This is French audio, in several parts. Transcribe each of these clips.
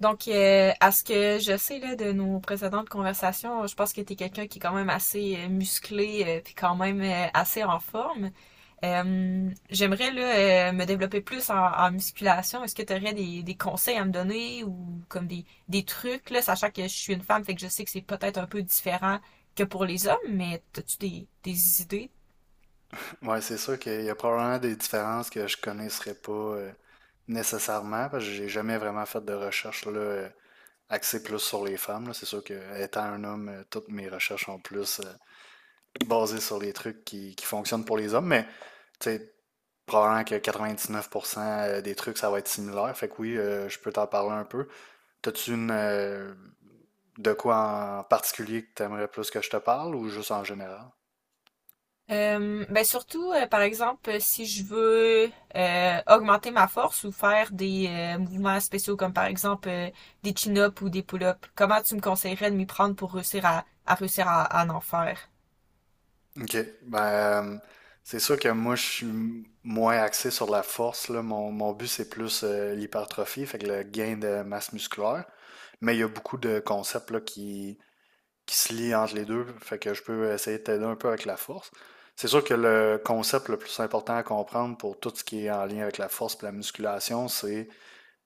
Donc, à ce que je sais là, de nos précédentes conversations, je pense que tu es quelqu'un qui est quand même assez musclé, puis quand même assez en forme. J'aimerais là, me développer plus en musculation. Est-ce que tu aurais des conseils à me donner ou comme des trucs, là, sachant que je suis une femme, fait que je sais que c'est peut-être un peu différent que pour les hommes, mais as-tu des idées? Ouais, c'est sûr qu'il y a probablement des différences que je connaisserais pas nécessairement, parce que j'ai jamais vraiment fait de recherche axée plus sur les femmes. Là. C'est sûr que étant un homme, toutes mes recherches sont plus basées sur les trucs qui fonctionnent pour les hommes, mais tu sais, probablement que 99% des trucs, ça va être similaire. Fait que oui, je peux t'en parler un peu. T'as-tu une De quoi en particulier que t'aimerais plus que je te parle, ou juste en général? Ben surtout, par exemple, si je veux augmenter ma force ou faire des mouvements spéciaux comme par exemple des chin-ups ou des pull-ups, comment tu me conseillerais de m'y prendre pour réussir à en faire? OK. Ben, euh, c'est sûr que moi, je suis moins axé sur la force, là. Mon but, c'est plus l'hypertrophie, fait que le gain de masse musculaire. Mais il y a beaucoup de concepts, là, qui se lient entre les deux, fait que je peux essayer de t'aider un peu avec la force. C'est sûr que le concept le plus important à comprendre pour tout ce qui est en lien avec la force et la musculation, c'est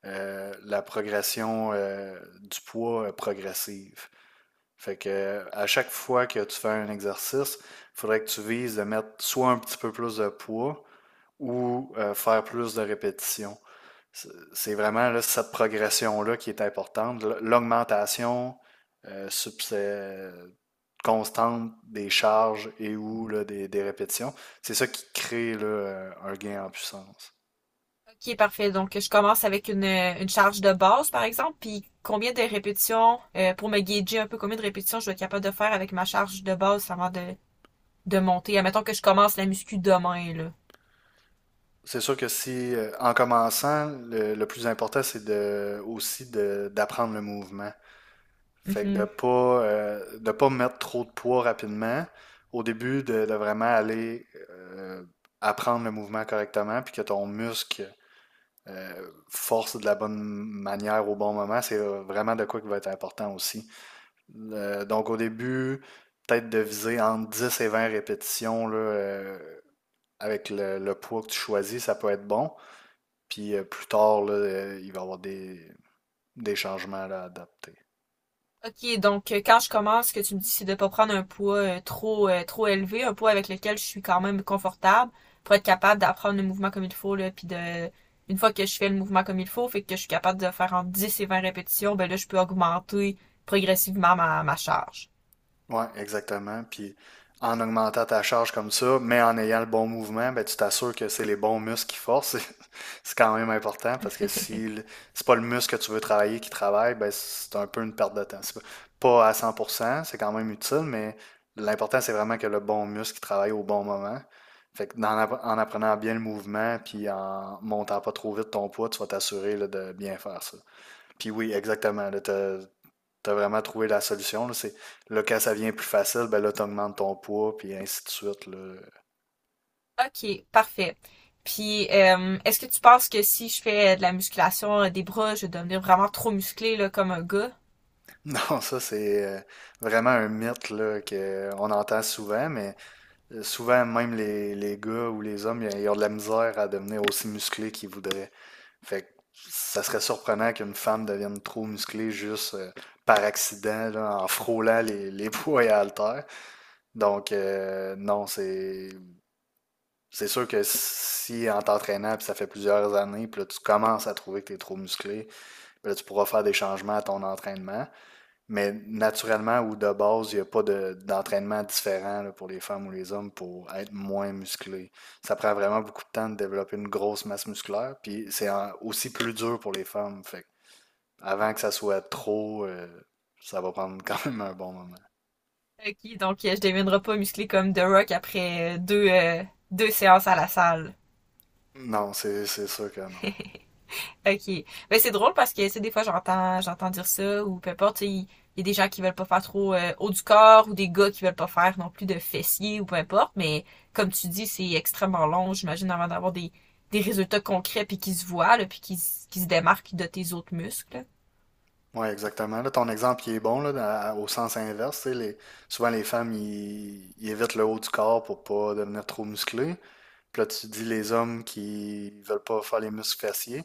la progression du poids progressive. Fait que à chaque fois que tu fais un exercice, il faudrait que tu vises de mettre soit un petit peu plus de poids, ou faire plus de répétitions. C'est vraiment là, cette progression-là qui est importante. L'augmentation euh, subsé- constante des charges et ou là, des répétitions, c'est ça qui crée là, un gain en puissance. Ok, parfait. Donc, je commence avec une charge de base, par exemple, puis combien de répétitions, pour me guider un peu, combien de répétitions je vais être capable de faire avec ma charge de base avant de monter. Admettons que je commence la muscu demain, là. C'est sûr que si, en commençant, le plus important, c'est de, aussi d'apprendre le mouvement. Fait que Mhm. De pas mettre trop de poids rapidement. Au début, de vraiment aller apprendre le mouvement correctement, puis que ton muscle force de la bonne manière au bon moment, c'est vraiment de quoi qui va être important aussi. Donc au début, peut-être de viser entre 10 et 20 répétitions avec le poids que tu choisis, ça peut être bon. Puis plus tard, il va y avoir des changements là, à adapter. OK, donc quand je commence, ce que tu me dis, c'est de pas prendre un poids trop élevé, un poids avec lequel je suis quand même confortable pour être capable d'apprendre le mouvement comme il faut là, puis de une fois que je fais le mouvement comme il faut, fait que je suis capable de faire entre 10 et 20 répétitions, ben là je peux augmenter progressivement ma charge. Ouais, exactement. Puis en augmentant ta charge comme ça, mais en ayant le bon mouvement, ben, tu t'assures que c'est les bons muscles qui forcent. C'est quand même important parce que si le- c'est pas le muscle que tu veux travailler qui travaille, ben, c'est un peu une perte de temps. C'est pas à cent pour cent, c'est quand même utile, mais l'important, c'est vraiment que le bon muscle qui travaille au bon moment. Fait que dans en apprenant bien le mouvement, puis en montant pas trop vite ton poids, tu vas t'assurer là, de bien faire ça. Puis oui, exactement, t'as vraiment trouvé la solution. Là, c'est, là, quand ça vient plus facile, ben là, t'augmentes ton poids, puis ainsi de suite. Là. OK, parfait. Puis est-ce que tu penses que si je fais de la musculation des bras, je vais devenir vraiment trop musclé là comme un gars? Non, ça, c'est vraiment un mythe là, qu'on entend souvent, mais souvent, même les gars ou les hommes, ils ont de la misère à devenir aussi musclés qu'ils voudraient. Fait que ça serait surprenant qu'une femme devienne trop musclée juste par accident, là, en frôlant les poids et haltères. Donc, non, c'est sûr que si en t'entraînant, puis ça fait plusieurs années, puis là tu commences à trouver que tu es trop musclé, puis là tu pourras faire des changements à ton entraînement. Mais naturellement ou de base, il n'y a pas d'entraînement différent là, pour les femmes ou les hommes pour être moins musclé. Ça prend vraiment beaucoup de temps de développer une grosse masse musculaire, puis c'est aussi plus dur pour les femmes. Fait que avant que ça soit trop, ça va prendre quand même un bon moment. OK, donc je deviendrai pas musclé comme The Rock après deux séances à la salle. Non, c'est sûr que non. OK. Ben c'est drôle parce que tu sais, des fois j'entends dire ça ou peu importe, tu sais, il y a des gens qui veulent pas faire trop haut du corps ou des gars qui veulent pas faire non plus de fessiers ou peu importe, mais comme tu dis, c'est extrêmement long, j'imagine avant d'avoir des résultats concrets puis qui se voient là, puis qui qui se démarquent de tes autres muscles. Oui, exactement. Là, ton exemple, il est bon là, au sens inverse. Tu sais, souvent, les femmes, ils évitent le haut du corps pour pas devenir trop musclés. Puis là, tu dis les hommes qui veulent pas faire les muscles fessiers,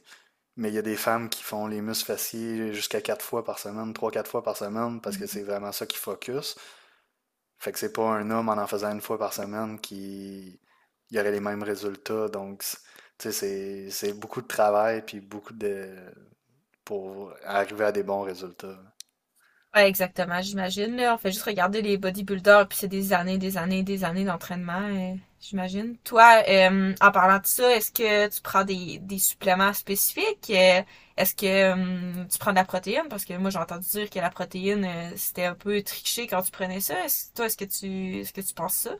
mais il y a des femmes qui font les muscles fessiers jusqu'à 4 fois par semaine, trois, 4 fois par semaine, parce que Mhm. c'est vraiment ça qui focus. Fait que c'est pas un homme en faisant 1 fois par semaine qui il y aurait les mêmes résultats. Donc, tu sais, c'est beaucoup de travail puis beaucoup de pour arriver à des bons résultats. Ouais, exactement, j'imagine, là. On fait juste regarder les bodybuilders, puis c'est des années, des années, des années d'entraînement, j'imagine. Toi, en parlant de ça, est-ce que tu prends des suppléments spécifiques? Est-ce que tu prends de la protéine? Parce que moi, j'ai entendu dire que la protéine, c'était un peu triché quand tu prenais ça. Est-ce que tu penses ça?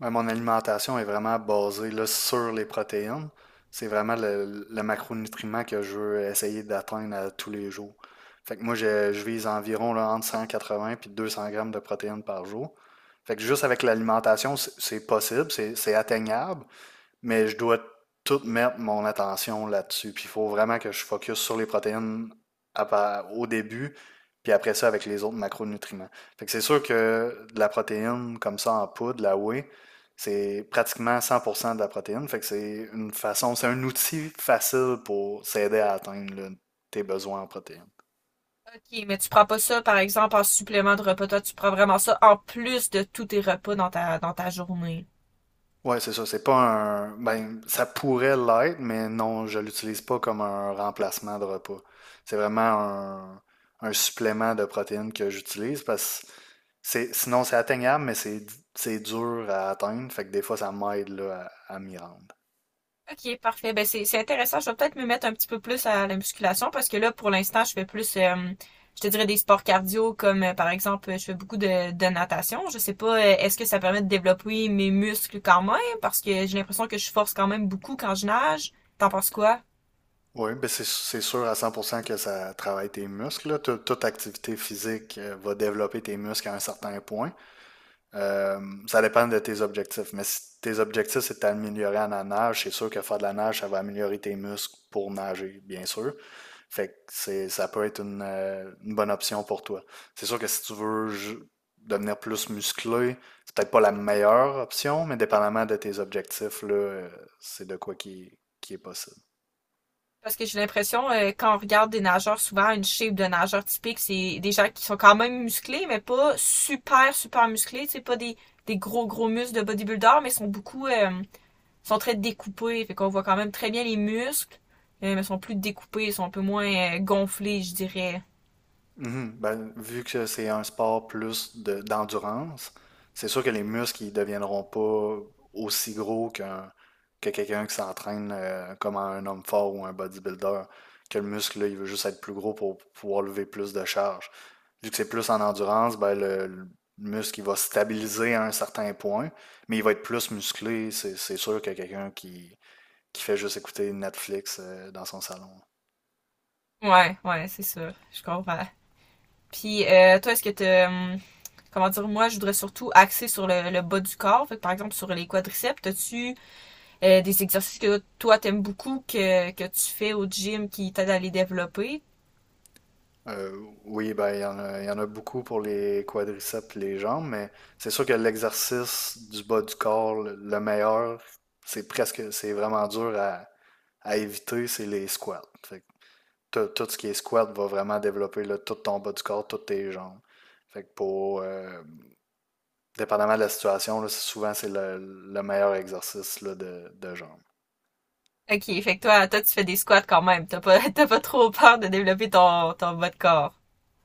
Ouais, mon alimentation est vraiment basée là, sur les protéines. C'est vraiment le macronutriment que je veux essayer d'atteindre à tous les jours. Fait que moi, je vise environ là, entre 180 et 200 grammes de protéines par jour. Fait que juste avec l'alimentation, c'est possible, c'est atteignable, mais je dois tout mettre mon attention là-dessus. Puis il faut vraiment que je focus sur les protéines au début, puis après ça avec les autres macronutriments. Fait que c'est sûr que de la protéine comme ça en poudre, la whey, c'est pratiquement 100% de la protéine. Fait que c'est une façon, c'est un outil facile pour s'aider à atteindre là, tes besoins en protéines. Ok, mais tu prends pas ça, par exemple, en supplément de repas. Toi, tu prends vraiment ça en plus de tous tes repas dans dans ta journée. Ouais, c'est ça. C'est pas un. Ben, ça pourrait l'être, mais non, je l'utilise pas comme un remplacement de repas. C'est vraiment un supplément de protéines que j'utilise parce que c'est, sinon c'est atteignable, mais c'est dur à atteindre. Fait que des fois, ça m'aide là, à m'y rendre. Ok, parfait. Ben c'est intéressant. Je vais peut-être me mettre un petit peu plus à la musculation parce que là, pour l'instant, je fais plus, je te dirais des sports cardio comme par exemple, je fais beaucoup de natation. Je sais pas, est-ce que ça permet de développer mes muscles quand même parce que j'ai l'impression que je force quand même beaucoup quand je nage. T'en penses quoi? Oui, ben c'est sûr à 100% que ça travaille tes muscles. Là. Toute activité physique va développer tes muscles à un certain point. Euh, Ça dépend de tes objectifs. Mais si tes objectifs, c'est d'améliorer en la nage, c'est sûr que faire de la nage, ça va améliorer tes muscles pour nager, bien sûr. Fait que c'est, ça peut être une bonne option pour toi. C'est sûr que si tu veux devenir plus musclé, c'est peut-être pas la meilleure option, mais dépendamment de tes objectifs, c'est de quoi qui est possible. Parce que j'ai l'impression quand on regarde des nageurs, souvent une shape de nageur typique, c'est des gens qui sont quand même musclés, mais pas super super musclés. C'est pas des gros gros muscles de bodybuilder, mais sont beaucoup sont très découpés, fait qu'on voit quand même très bien les muscles, mais ils sont plus découpés, ils sont un peu moins gonflés, je dirais. Mhm. Ben, vu que c'est un sport plus d'endurance, c'est sûr que les muscles ils deviendront pas aussi gros qu'un que quelqu'un qui s'entraîne comme un homme fort ou un bodybuilder. Que le muscle, là, il veut juste être plus gros pour pouvoir lever plus de charge. Vu que c'est plus en endurance, ben le muscle il va stabiliser à un certain point, mais il va être plus musclé, c'est sûr que quelqu'un qui fait juste écouter Netflix dans son salon. Ouais, ouais, c'est ça, je comprends. Puis toi, est-ce que t'as, comment dire, moi, je voudrais surtout axer sur le bas du corps, fait que par exemple sur les quadriceps, t'as-tu des exercices que toi t'aimes beaucoup que tu fais au gym qui t'aident à les développer? Euh, oui, ben, il y en a, il y en a beaucoup pour les quadriceps, les jambes, mais c'est sûr que l'exercice du bas du corps, le meilleur, c'est presque, c'est vraiment dur à éviter, c'est les squats. Fait que tout ce qui est squat va vraiment développer là, tout ton bas du corps, toutes tes jambes. Fait que pour, dépendamment de la situation, souvent c'est le meilleur exercice là, de jambes. Ok, fait que toi, toi tu fais des squats quand même, t'as pas, t'as pas trop peur de développer ton, ton bas de corps.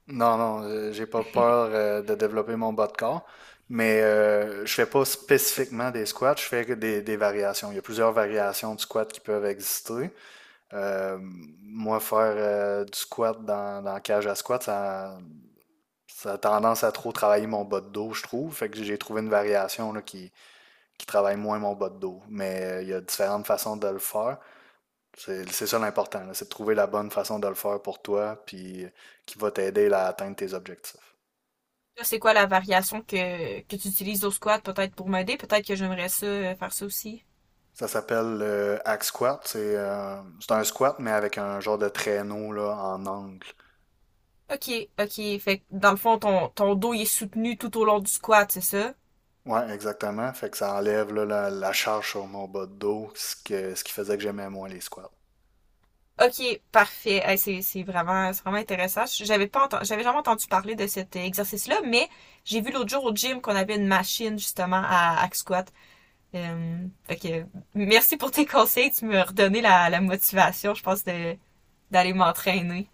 Non, non, j'ai pas peur de développer mon bas de corps, mais je fais pas spécifiquement des squats, je fais que des variations. Il y a plusieurs variations de squat qui peuvent exister. Euh, Moi, faire du squat dans cage à squat, ça a tendance à trop travailler mon bas de dos, je trouve. Fait que j'ai trouvé une variation là, qui travaille moins mon bas de dos. Mais il y a différentes façons de le faire. C'est ça l'important, là, c'est de trouver la bonne façon de le faire pour toi, puis qui va t'aider là, à atteindre tes objectifs. Toi, c'est quoi la variation que tu utilises au squat peut-être pour m'aider? Peut-être que j'aimerais ça faire ça aussi. Ça s'appelle le hack squat. C'est un squat, mais avec un genre de traîneau là, en angle. Ok, ok. Fait que dans le fond, ton, ton dos il est soutenu tout au long du squat, c'est ça? Ouais, exactement. Fait que ça enlève là, la charge sur mon bas de dos, ce qui faisait que j'aimais moins les squats. Ok, parfait. Hey, c'est vraiment intéressant. J'avais jamais entendu parler de cet exercice-là, mais j'ai vu l'autre jour au gym qu'on avait une machine justement à hack squat. Fait que merci pour tes conseils. Tu me redonné la motivation, je pense, de, d'aller m'entraîner.